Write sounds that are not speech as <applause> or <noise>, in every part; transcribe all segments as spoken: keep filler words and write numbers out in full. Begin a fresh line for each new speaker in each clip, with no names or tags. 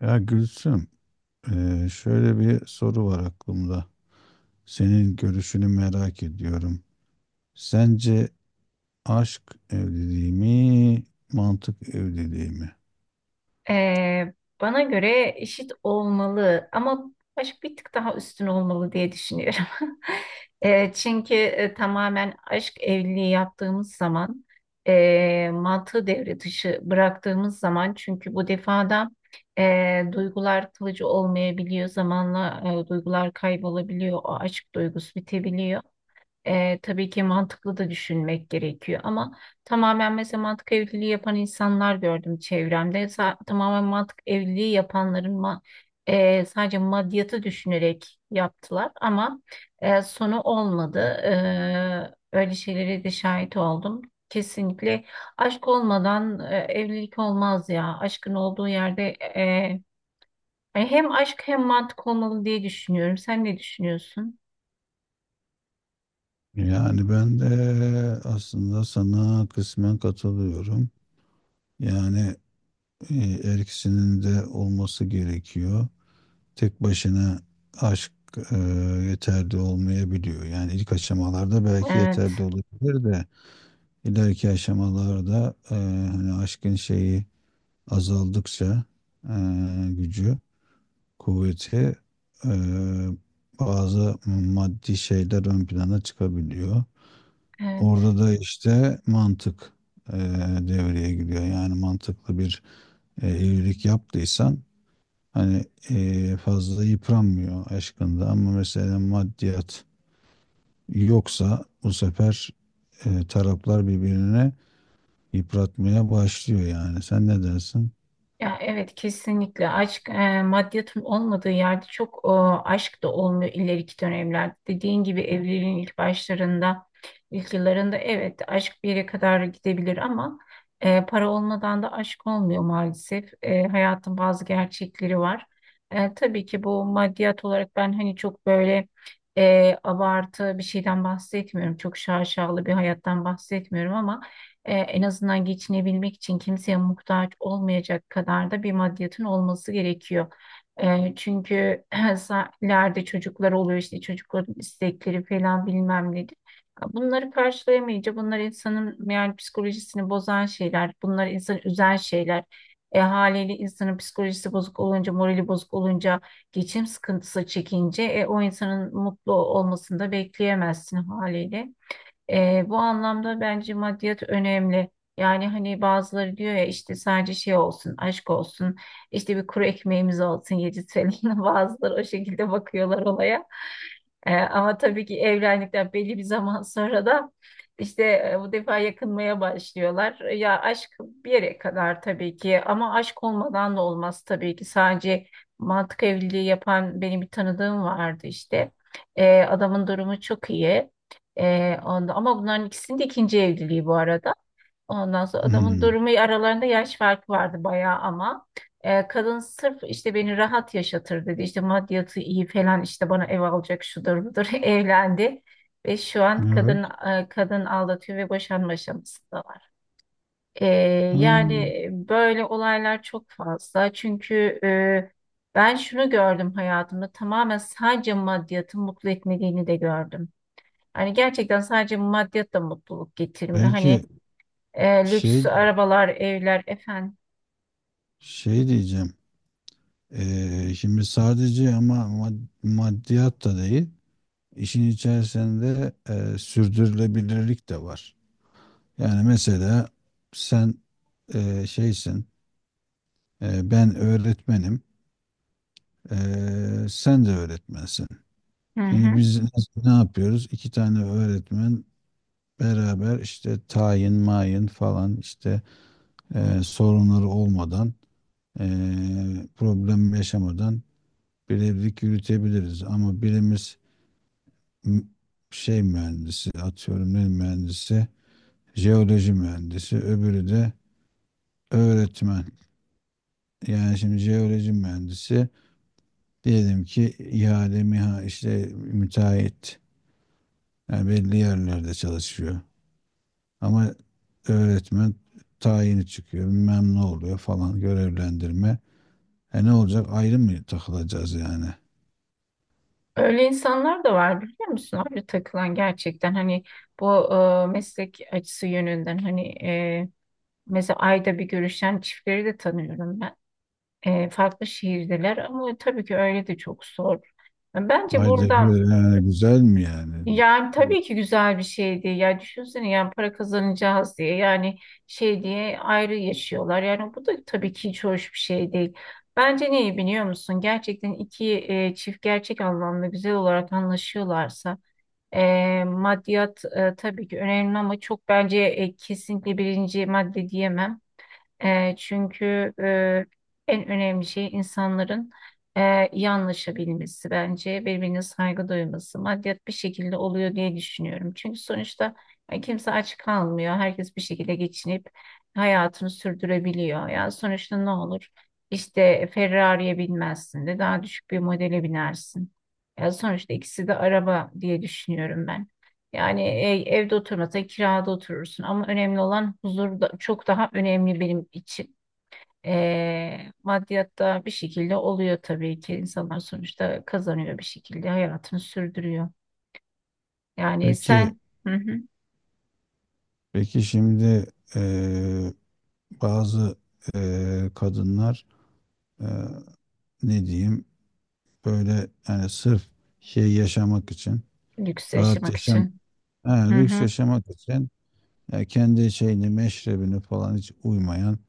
Ya Gülsüm, eee, şöyle bir soru var aklımda. Senin görüşünü merak ediyorum. Sence aşk evliliği mi, mantık evliliği mi?
Ee, Bana göre eşit olmalı ama aşk bir tık daha üstün olmalı diye düşünüyorum. <laughs> Ee, çünkü e, tamamen aşk evliliği yaptığımız zaman e, mantığı devre dışı bıraktığımız zaman çünkü bu defada e, duygular kalıcı olmayabiliyor. Zamanla e, duygular kaybolabiliyor. O aşk duygusu bitebiliyor. E, tabii ki mantıklı da düşünmek gerekiyor ama tamamen mesela mantık evliliği yapan insanlar gördüm çevremde. Sa- tamamen mantık evliliği yapanların ma- e, sadece maddiyatı düşünerek yaptılar ama e, sonu olmadı. E, öyle şeylere de şahit oldum. Kesinlikle aşk olmadan e, evlilik olmaz ya. Aşkın olduğu yerde e, yani hem aşk hem mantık olmalı diye düşünüyorum. Sen ne düşünüyorsun?
Yani ben de aslında sana kısmen katılıyorum. Yani eee, her ikisinin de olması gerekiyor. Tek başına aşk eee, yeterli olmayabiliyor. Yani ilk aşamalarda belki yeterli
Evet,
olabilir de. İleriki aşamalarda e, hani aşkın şeyi azaldıkça e, gücü, kuvveti, e, bazı maddi şeyler ön plana çıkabiliyor.
evet.
Orada da işte mantık e, devreye giriyor. Yani mantıklı bir e, evlilik yaptıysan hani e, fazla yıpranmıyor aşkında, ama mesela maddiyat yoksa bu sefer e, taraflar birbirine yıpratmaya başlıyor yani. Sen ne dersin?
Ya evet, kesinlikle aşk e, maddiyatın olmadığı yerde çok e, aşk da olmuyor ileriki dönemlerde. Dediğin gibi evliliğin ilk başlarında, ilk yıllarında evet aşk bir yere kadar gidebilir ama e, para olmadan da aşk olmuyor maalesef. E, hayatın bazı gerçekleri var. E, tabii ki bu maddiyat olarak ben hani çok böyle e, abartı bir şeyden bahsetmiyorum. Çok şaşalı bir hayattan bahsetmiyorum ama e, en azından geçinebilmek için kimseye muhtaç olmayacak kadar da bir maddiyatın olması gerekiyor. E, çünkü <clears throat> <laughs> ileride çocuklar oluyor, işte çocukların istekleri falan bilmem nedir. Bunları karşılayamayınca bunlar insanın yani psikolojisini bozan şeyler, bunlar insanı üzen şeyler. E, haliyle insanın psikolojisi bozuk olunca, morali bozuk olunca, geçim sıkıntısı çekince e, o insanın mutlu olmasını da bekleyemezsin haliyle. Ee, bu anlamda bence maddiyat önemli. Yani hani bazıları diyor ya, işte sadece şey olsun, aşk olsun, işte bir kuru ekmeğimiz olsun, yedi T L. <laughs> Bazıları o şekilde bakıyorlar olaya. Ee, ama tabii ki evlendikten belli bir zaman sonra da işte e, bu defa yakınmaya başlıyorlar. Ya aşk bir yere kadar tabii ki ama aşk olmadan da olmaz tabii ki. Sadece mantık evliliği yapan benim bir tanıdığım vardı işte. Ee, adamın durumu çok iyi. Ee, onda, ama bunların ikisinin de ikinci evliliği bu arada. Ondan sonra adamın
Hmm.
durumu, aralarında yaş farkı vardı bayağı ama Ee, kadın sırf işte beni rahat yaşatır dedi. İşte maddiyatı iyi falan, işte bana ev alacak, şudur budur <laughs> evlendi. Ve şu an kadın
Evet.
e, kadın aldatıyor ve boşanma aşamasında var. Ee,
Ha.
Yani böyle olaylar çok fazla. Çünkü e, ben şunu gördüm hayatımda, tamamen sadece maddiyatın mutlu etmediğini de gördüm. Hani gerçekten sadece maddiyat da mutluluk getirmiyor. Hani
Peki
e, lüks
şey
arabalar, evler efendim.
şey diyeceğim. Ee, şimdi sadece ama mad- maddiyat da değil. İşin içerisinde e, sürdürülebilirlik de var. Yani mesela sen e, şeysin, e, ben öğretmenim, e, sen de öğretmensin.
Hı hı.
Şimdi biz ne yapıyoruz? İki tane öğretmen beraber işte tayin, mayın falan işte e, sorunları olmadan, e, problem yaşamadan birevlik yürütebiliriz. Ama birimiz m- şey mühendisi, atıyorum ne mühendisi, jeoloji mühendisi, öbürü de öğretmen. Yani şimdi jeoloji mühendisi diyelim ki ihale, miha işte müteahhit. Yani belli yerlerde çalışıyor. Ama öğretmen tayini çıkıyor, bilmem ne oluyor falan, görevlendirme. E, ne olacak, ayrı mı takılacağız yani?
Öyle insanlar da var, biliyor musun abi, takılan gerçekten. Hani bu e, meslek açısı yönünden, hani e, mesela ayda bir görüşen çiftleri de tanıyorum ben. E, farklı şehirdeler ama tabii ki öyle de çok zor. Bence
Haydi bir,
burada.
yani güzel mi yani?
Yani tabii ki güzel bir şeydi. Ya düşünsene, yani para kazanacağız diye, yani şey diye ayrı yaşıyorlar. Yani bu da tabii ki hiç hoş bir şey değil. Bence neyi biliyor musun? Gerçekten iki e, çift gerçek anlamda güzel olarak anlaşıyorlarsa e, maddiyat e, tabii ki önemli ama çok, bence e, kesinlikle birinci madde diyemem. E, çünkü e, en önemli şey insanların e, iyi anlaşabilmesi, bence birbirine saygı duyması, maddiyat bir şekilde oluyor diye düşünüyorum. Çünkü sonuçta e, kimse aç kalmıyor. Herkes bir şekilde geçinip hayatını sürdürebiliyor. Ya sonuçta ne olur? İşte Ferrari'ye binmezsin de daha düşük bir modele binersin. Ya sonuçta ikisi de araba diye düşünüyorum ben. Yani e, evde oturmasan kirada oturursun ama önemli olan huzur da, çok daha önemli benim için. E, maddiyatta bir şekilde oluyor tabii ki, insanlar sonuçta kazanıyor, bir şekilde hayatını sürdürüyor. Yani
Peki,
sen, hı hı,
peki şimdi eee, bazı eee, kadınlar eee, ne diyeyim böyle, yani sırf şey yaşamak için,
lüks
rahat
yaşamak
yaşam,
için.
yani
Hı
lüks
hı,
yaşamak için, yani kendi şeyini, meşrebini falan hiç uymayan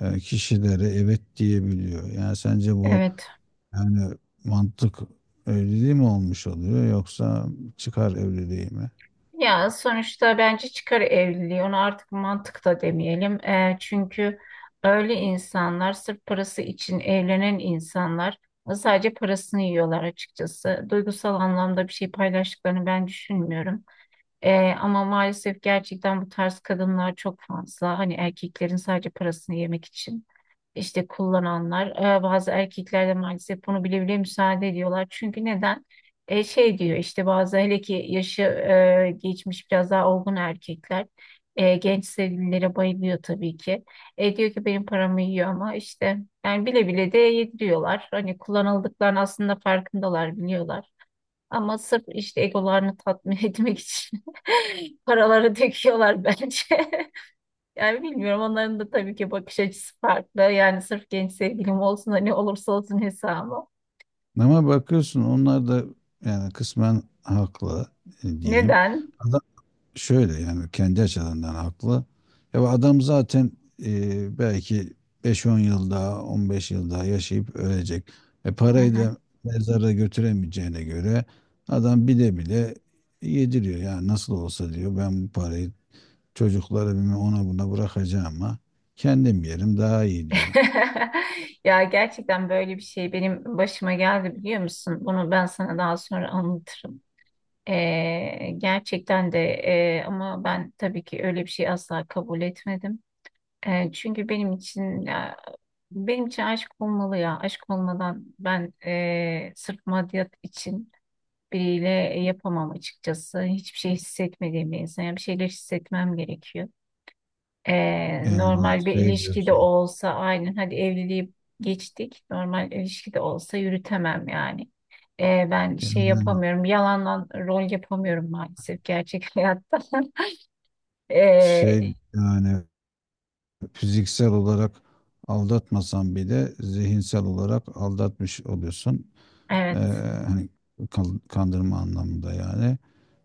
eee, kişilere evet diyebiliyor. Yani sence bu
evet.
yani mantık evliliği mi olmuş oluyor, yoksa çıkar evliliği mi?
Ya sonuçta bence çıkar evliliği, ona artık mantık da demeyelim. Eee, çünkü öyle insanlar, sırf parası için evlenen insanlar e, sadece parasını yiyorlar açıkçası. Duygusal anlamda bir şey paylaştıklarını ben düşünmüyorum. Eee, ama maalesef gerçekten bu tarz kadınlar çok fazla. Hani erkeklerin sadece parasını yemek için işte kullananlar, e, bazı erkekler de maalesef bunu bile bile müsaade ediyorlar. Çünkü neden? E, şey diyor işte, bazı hele ki yaşı e, geçmiş biraz daha olgun erkekler e, genç sevgililere bayılıyor tabii ki. E, diyor ki benim paramı yiyor ama işte, yani bile bile de yediriyorlar. Hani kullanıldıklarını aslında farkındalar, biliyorlar. Ama sırf işte egolarını tatmin <laughs> etmek için <laughs> paraları döküyorlar bence. <laughs> Yani bilmiyorum, onların da tabii ki bakış açısı farklı. Yani sırf genç sevgilim olsun da ne olursa olsun hesabı.
Ama bakıyorsun onlar da yani kısmen haklı e, diyeyim.
Neden?
Adam şöyle, yani kendi açılarından haklı. Ya bu adam zaten e, belki beş on yıl daha, on beş yıl daha yaşayıp ölecek. E,
Hı
parayı
hı.
da mezara götüremeyeceğine göre adam bile bile yediriyor. Yani nasıl olsa diyor, ben bu parayı çocuklara, bilmem ona buna bırakacağım, ama kendim yerim daha iyi diyor.
<laughs> Ya gerçekten böyle bir şey benim başıma geldi, biliyor musun? Bunu ben sana daha sonra anlatırım. Ee, gerçekten de e, ama ben tabii ki öyle bir şey asla kabul etmedim. Ee, çünkü benim için ya, benim için aşk olmalı ya. Aşk olmadan ben, e, sırf maddiyat için biriyle e, yapamam açıkçası. Hiçbir şey hissetmediğim bir insan. Yani bir şeyler hissetmem gerekiyor. Ee,
Yani
normal bir
şey
ilişkide
diyorsun.
olsa, aynen, hadi evliliği geçtik. Normal ilişkide olsa yürütemem yani. Ee, ben şey
Yani
yapamıyorum. Yalandan rol yapamıyorum maalesef gerçek hayatta. <laughs>
şey,
Ee,
yani fiziksel olarak aldatmasan bile zihinsel olarak aldatmış oluyorsun. Ee,
evet,
hani kan- kandırma anlamında, yani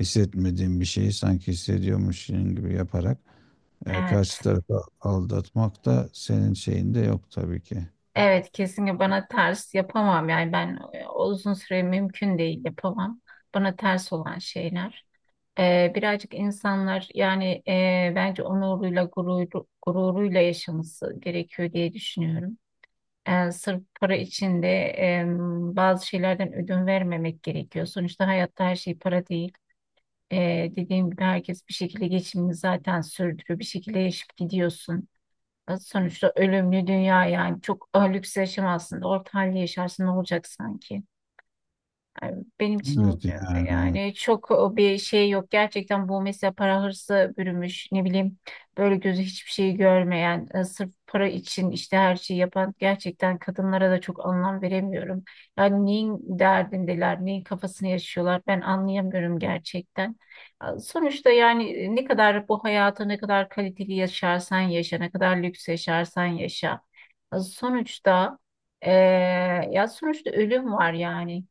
hissetmediğin bir şeyi sanki hissediyormuşsun gibi yaparak e,
evet.
karşı tarafı aldatmak da senin şeyinde yok tabii ki.
Evet, kesinlikle bana ters, yapamam yani ben, e, uzun süre mümkün değil, yapamam. Bana ters olan şeyler. Ee, birazcık insanlar, yani e, bence onuruyla gururu, gururuyla yaşaması gerekiyor diye düşünüyorum. Ee, sırf para için de e, bazı şeylerden ödün vermemek gerekiyor. Sonuçta hayatta her şey para değil. Ee, dediğim gibi herkes bir şekilde geçimini zaten sürdürüyor. Bir şekilde yaşayıp gidiyorsun. Ee, Sonuçta ölümlü dünya, yani çok e, lüks yaşamazsın da orta halde yaşarsın, ne olacak sanki? Yani benim için
Evet,
e,
yani
yani çok e, bir şey yok. Gerçekten bu, mesela para hırsı bürümüş, ne bileyim, böyle gözü hiçbir şeyi görmeyen, e, sırf para için işte her şeyi yapan gerçekten kadınlara da çok anlam veremiyorum. Yani neyin derdindeler, neyin kafasını yaşıyorlar, ben anlayamıyorum gerçekten. E, Sonuçta yani, e, ne kadar bu hayata, ne kadar kaliteli yaşarsan yaşa, ne kadar lüks yaşarsan yaşa. E, Sonuçta e, Ya sonuçta ölüm var yani.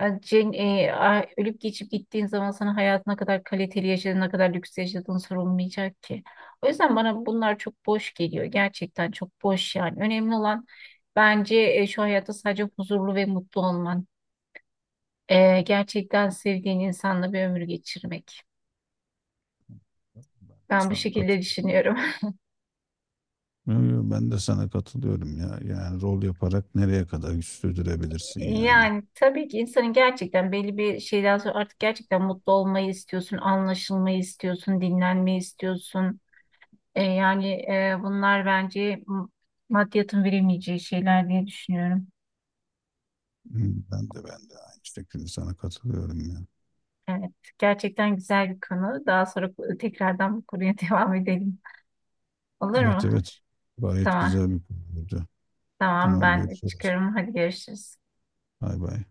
E, Cen, e, a- ölüp geçip gittiğin zaman sana hayatına kadar kaliteli yaşadığın, ne kadar lüks yaşadığın sorulmayacak ki. O yüzden bana bunlar çok boş geliyor. Gerçekten çok boş yani. Önemli olan bence e, şu hayatta sadece huzurlu ve mutlu olman. E, gerçekten sevdiğin insanla bir ömür geçirmek. Ben bu
sana
şekilde
katılıyorum.
düşünüyorum. <laughs>
Yo, yo, ben de sana katılıyorum ya. Yani rol yaparak nereye kadar güç sürdürebilirsin yani.
Yani tabii ki insanın gerçekten belli bir şeyden sonra artık gerçekten mutlu olmayı istiyorsun, anlaşılmayı istiyorsun, dinlenmeyi istiyorsun. E, yani e, bunlar bence m- maddiyatın veremeyeceği şeyler diye düşünüyorum.
Hmm. Ben de ben de aynı şekilde sana katılıyorum ya.
Evet, gerçekten güzel bir konu. Daha sonra tekrardan bu konuya <laughs> devam edelim. Olur
Evet,
mu?
evet. Gayet
Tamam,
güzel bir konuydu.
tamam,
Tamam,
ben
görüşürüz.
çıkıyorum. Hadi görüşürüz.
Bay bay.